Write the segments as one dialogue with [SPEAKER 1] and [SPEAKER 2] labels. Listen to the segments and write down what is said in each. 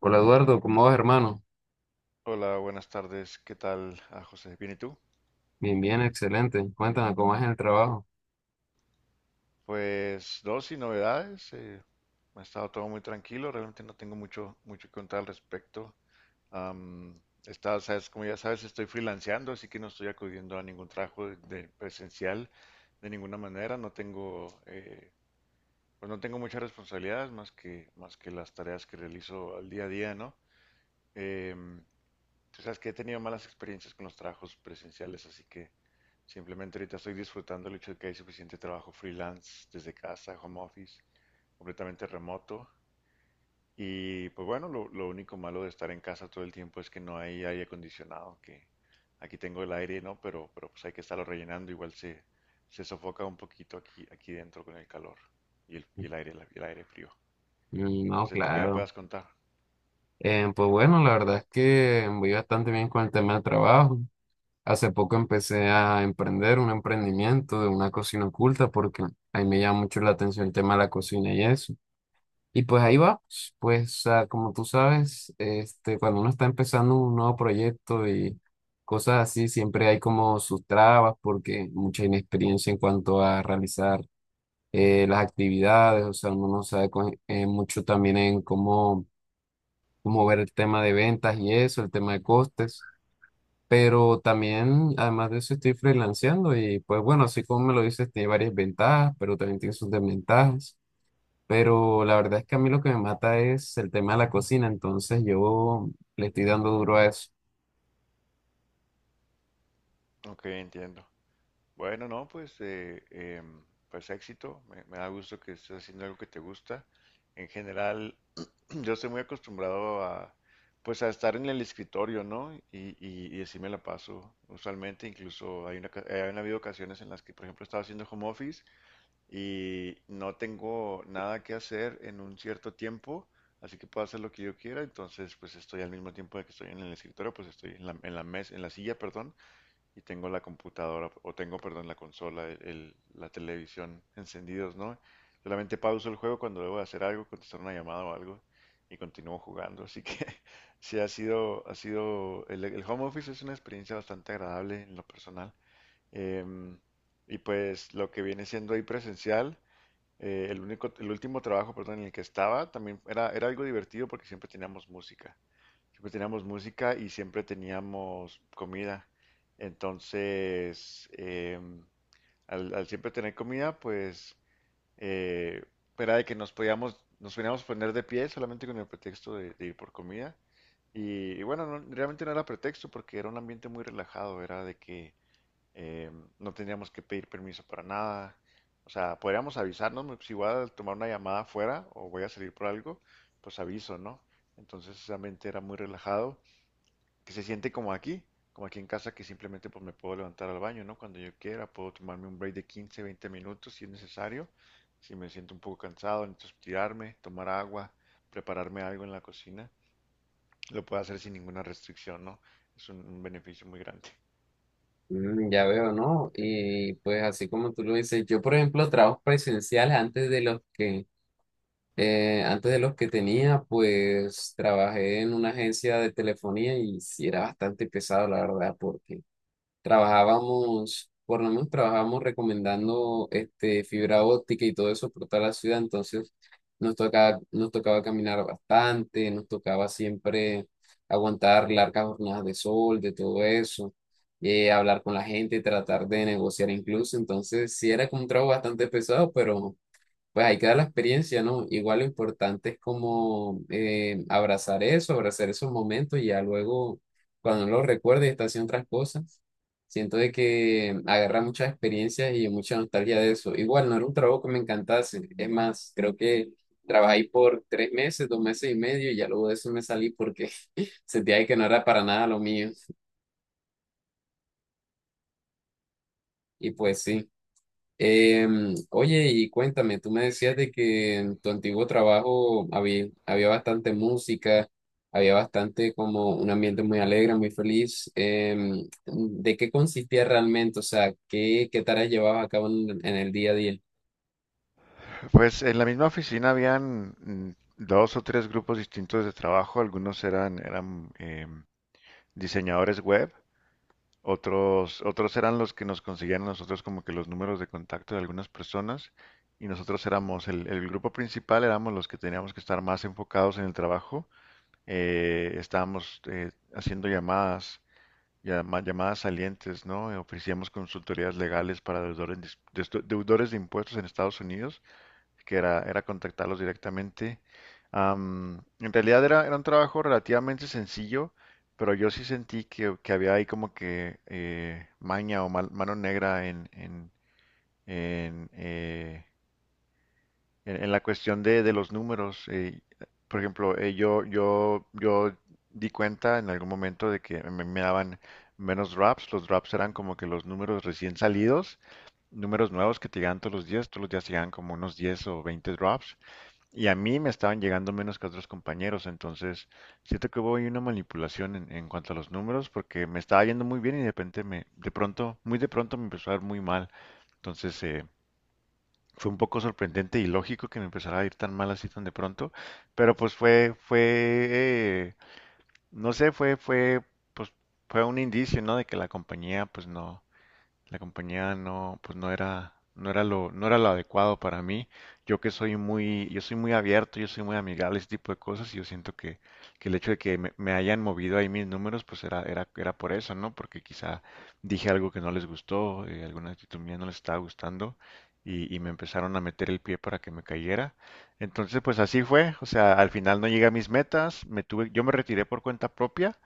[SPEAKER 1] Hola Eduardo, ¿cómo vas, hermano?
[SPEAKER 2] Hola, buenas tardes. ¿Qué tal, ah, José? ¿Bien y tú?
[SPEAKER 1] Bien, bien, excelente. Cuéntame cómo es en el trabajo.
[SPEAKER 2] Pues dos y novedades. Ha estado todo muy tranquilo. Realmente no tengo mucho mucho que contar al respecto. Am, sabes, como ya sabes, estoy freelanceando, así que no estoy acudiendo a ningún trabajo de presencial de ninguna manera. No tengo, pues no tengo muchas responsabilidades más que las tareas que realizo al día a día, ¿no? Em, Tú sabes que he tenido malas experiencias con los trabajos presenciales, así que simplemente ahorita estoy disfrutando el hecho de que hay suficiente trabajo freelance desde casa, home office, completamente remoto. Y pues bueno, lo único malo de estar en casa todo el tiempo es que no hay aire acondicionado, que aquí tengo el aire, ¿no? Pero pues hay que estarlo rellenando, igual se sofoca un poquito aquí dentro con el calor y el aire, el aire frío.
[SPEAKER 1] Mm,
[SPEAKER 2] No
[SPEAKER 1] no,
[SPEAKER 2] sé, ¿tú qué me
[SPEAKER 1] claro.
[SPEAKER 2] puedas contar?
[SPEAKER 1] Pues bueno, la verdad es que voy bastante bien con el tema del trabajo. Hace poco empecé a emprender un emprendimiento de una cocina oculta porque ahí me llama mucho la atención el tema de la cocina y eso. Y pues ahí va. Pues como tú sabes, este, cuando uno está empezando un nuevo proyecto y cosas así, siempre hay como sus trabas porque mucha inexperiencia en cuanto a realizar las actividades, o sea, uno no sabe mucho también en cómo ver el tema de ventas y eso, el tema de costes, pero también, además de eso, estoy freelanceando y pues bueno, así como me lo dices, tiene varias ventajas, pero también tiene sus desventajas, pero la verdad es que a mí lo que me mata es el tema de la cocina, entonces yo le estoy dando duro a eso.
[SPEAKER 2] Ok, entiendo. Bueno, no, pues, pues éxito. Me da gusto que estés haciendo algo que te gusta. En general, yo estoy muy acostumbrado a, pues, a estar en el escritorio, ¿no? Y así me la paso. Usualmente, incluso hay han habido ocasiones en las que, por ejemplo, he estado haciendo home office y no tengo nada que hacer en un cierto tiempo, así que puedo hacer lo que yo quiera. Entonces, pues, estoy al mismo tiempo de que estoy en el escritorio, pues estoy en la silla, perdón, y tengo la computadora, o tengo, perdón, la consola, la televisión encendidos, ¿no? Solamente pauso el juego cuando debo de hacer algo, contestar una llamada o algo, y continúo jugando. Así que sí el home office es una experiencia bastante agradable en lo personal. Em, y pues lo que viene siendo ahí presencial, el único, el último trabajo, perdón, en el que estaba, también era algo divertido porque siempre teníamos música. Siempre teníamos música y siempre teníamos comida. Entonces, al siempre tener comida, pues eh, era de que nos podíamos poner de pie solamente con el pretexto de ir por comida. Y bueno, realmente no era pretexto porque era un ambiente muy relajado, era de que no teníamos que pedir permiso para nada. O sea, podríamos avisarnos, si voy a tomar una llamada afuera o voy a salir por algo, pues aviso, ¿no? Entonces, ese ambiente era muy relajado que se siente como aquí en casa, que simplemente pues me puedo levantar al baño, ¿no? Cuando yo quiera, puedo tomarme un break de 15, 20 minutos si es necesario, si me siento un poco cansado, necesito estirarme, tomar agua, prepararme algo en la cocina, lo puedo hacer sin ninguna restricción, ¿no? Es un beneficio muy grande.
[SPEAKER 1] Mm, ya veo, ¿no? Y pues así como tú lo dices, yo por ejemplo, trabajos presenciales antes de los que antes de los que tenía, pues trabajé en una agencia de telefonía y sí era bastante pesado, la verdad, porque trabajábamos, por lo menos trabajábamos recomendando este, fibra óptica y todo eso por toda la ciudad, entonces nos tocaba caminar bastante, nos tocaba siempre aguantar largas jornadas de sol, de todo eso, hablar con la gente, tratar de negociar incluso, entonces sí era como un trabajo bastante pesado, pero pues ahí queda la experiencia, ¿no? Igual lo importante es como abrazar eso, abrazar esos momentos y ya luego, cuando uno lo recuerde y está haciendo otras cosas, siento de que agarra muchas experiencias y mucha nostalgia de eso. Igual no era un trabajo que me encantase, es más, creo que trabajé ahí por 3 meses, 2 meses y medio y ya luego de eso me salí porque sentía que no era para nada lo mío. Y pues sí. Em, oye, y cuéntame, tú me decías de que en tu antiguo trabajo había bastante música, había bastante como un ambiente muy alegre, muy feliz. Em, ¿de qué consistía realmente? O sea, ¿ qué tareas llevabas a cabo en el día a día?
[SPEAKER 2] Pues en la misma oficina habían dos o tres grupos distintos de trabajo, algunos eran diseñadores web. Otros, otros eran los que nos conseguían a nosotros como que los números de contacto de algunas personas y nosotros éramos el grupo principal, éramos los que teníamos que estar más enfocados en el trabajo. Estábamos haciendo llamadas, llamadas salientes, ¿no? Ofrecíamos consultorías legales para deudores, de dis- de esto- deudores de impuestos en Estados Unidos, que era contactarlos directamente. En realidad era un trabajo relativamente sencillo, pero yo sí sentí que había ahí como que maña o mano negra en, eh, en la cuestión de los números. Por ejemplo, yo di cuenta en algún momento de que me daban menos drops. Los drops eran como que los números recién salidos, números nuevos que te llegan todos los días te llegan como unos 10 o 20 drops, y a mí me estaban llegando menos que a otros compañeros, entonces siento que hubo ahí una manipulación en cuanto a los números, porque me estaba yendo muy bien y de repente de pronto, muy de pronto me empezó a ir muy mal. Entonces fue un poco sorprendente y lógico que me empezara a ir tan mal así tan de pronto, pero pues eh, no sé, pues fue un indicio, ¿no? De que la compañía pues no, la compañía no, pues no era, no era lo, no era lo adecuado para mí. Yo que soy muy, yo soy muy abierto, yo soy muy amigable, ese tipo de cosas, y yo siento que el hecho de que me hayan movido ahí mis números, pues era por eso, ¿no? Porque quizá dije algo que no les gustó, alguna actitud mía no les estaba gustando, y me empezaron a meter el pie para que me cayera. Entonces, pues así fue. O sea, al final no llegué a mis metas, yo me retiré por cuenta propia.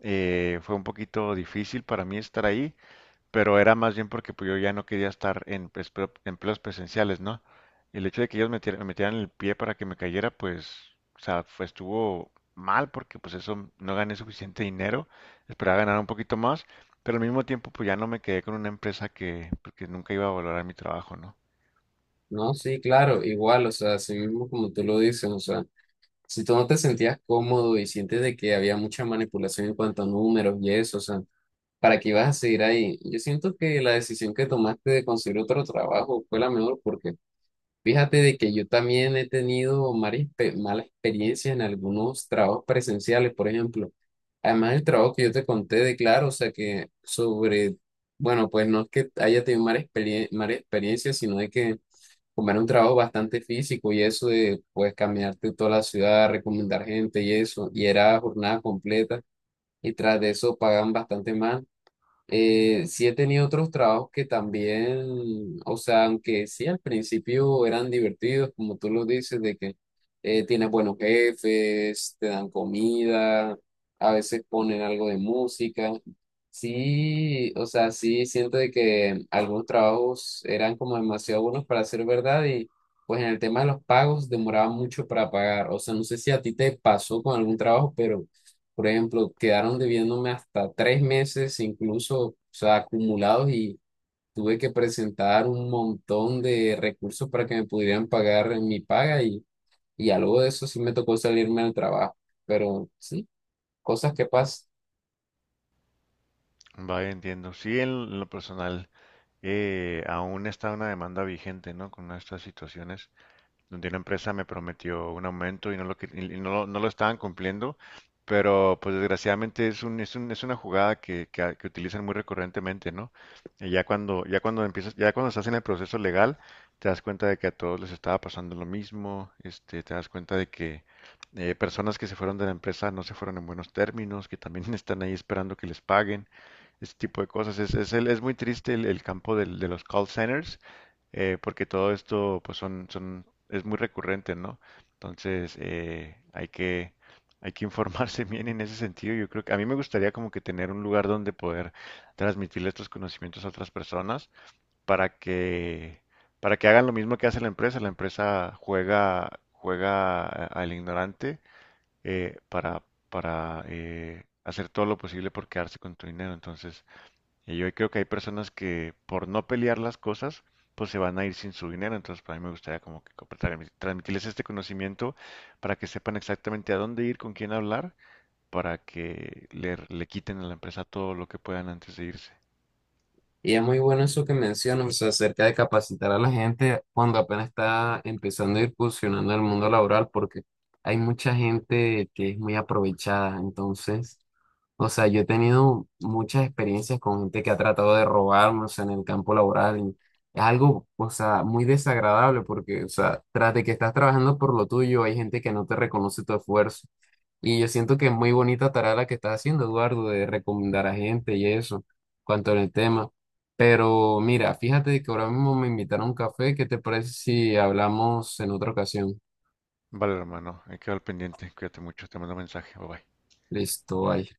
[SPEAKER 2] Fue un poquito difícil para mí estar ahí, pero era más bien porque pues, yo ya no quería estar en pues, empleos presenciales, ¿no? El hecho de que ellos me metieran el pie para que me cayera, pues, o sea, estuvo mal porque pues eso no gané suficiente dinero, esperaba ganar un poquito más, pero al mismo tiempo pues ya no me quedé con una empresa que, pues, que nunca iba a valorar mi trabajo, ¿no?
[SPEAKER 1] No, sí, claro, igual, o sea, así mismo como tú lo dices, o sea, si tú no te sentías cómodo y sientes de que había mucha manipulación en cuanto a números y eso, o sea, para que ibas a seguir ahí. Yo siento que la decisión que tomaste de conseguir otro trabajo fue la mejor porque fíjate de que yo también he tenido mala experiencia en algunos trabajos presenciales, por ejemplo. Además, el trabajo que yo te conté de claro, o sea que sobre, bueno, pues no es que haya tenido mala experiencia, sino de que como era un trabajo bastante físico y eso de pues caminarte toda la ciudad, recomendar gente y eso, y era jornada completa y tras de eso pagan bastante más. Sí he tenido otros trabajos que también, o sea, aunque sí al principio eran divertidos, como tú lo dices, de que tienes buenos jefes, te dan comida, a veces ponen algo de música. Sí, o sea, sí siento de que algunos trabajos eran como demasiado buenos para ser verdad y pues en el tema de los pagos demoraba mucho para pagar. O sea, no sé si a ti te pasó con algún trabajo, pero... Por ejemplo, quedaron debiéndome hasta 3 meses, incluso, o sea, acumulados y tuve que presentar un montón de recursos para que me pudieran pagar en mi paga y ya luego de eso sí me tocó salirme del trabajo. Pero sí, cosas que pasan.
[SPEAKER 2] Vaya, entiendo. Sí, en lo personal aún está una demanda vigente, ¿no? Con estas situaciones, donde una empresa me prometió un aumento y no lo, y no, lo no lo estaban cumpliendo, pero pues desgraciadamente es una jugada que utilizan muy recurrentemente, ¿no? Y ya cuando empiezas, ya cuando estás en el proceso legal, te das cuenta de que a todos les estaba pasando lo mismo, este, te das cuenta de que personas que se fueron de la empresa no se fueron en buenos términos, que también están ahí esperando que les paguen, ese tipo de cosas. Es muy triste el campo de los call centers, porque todo esto pues es muy recurrente, ¿no? Entonces hay que informarse bien en ese sentido. Yo creo que a mí me gustaría como que tener un lugar donde poder transmitirle estos conocimientos a otras personas para que, para que hagan lo mismo que hace la empresa. La empresa juega al ignorante, eh, para, para hacer todo lo posible por quedarse con tu dinero. Entonces, y yo creo que hay personas que por no pelear las cosas, pues se van a ir sin su dinero. Entonces, para mí me gustaría como que transmitirles este conocimiento para que sepan exactamente a dónde ir, con quién hablar, para que le quiten a la empresa todo lo que puedan antes de irse.
[SPEAKER 1] Y es muy bueno eso que mencionas, o sea, acerca de capacitar a la gente cuando apenas está empezando a incursionando en el mundo laboral, porque hay mucha gente que es muy aprovechada, entonces... O sea, yo he tenido muchas experiencias con gente que ha tratado de robarme, o sea, en el campo laboral. Y es algo, o sea, muy desagradable porque, o sea, tras de que estás trabajando por lo tuyo, hay gente que no te reconoce tu esfuerzo. Y yo siento que es muy bonita tarea la que estás haciendo, Eduardo, de recomendar a gente y eso, cuanto al tema. Pero mira, fíjate que ahora mismo me invitaron a un café. ¿Qué te parece si hablamos en otra ocasión?
[SPEAKER 2] Vale, hermano, hay que al pendiente. Cuídate mucho, te mando mensaje. Bye bye.
[SPEAKER 1] Listo, bye.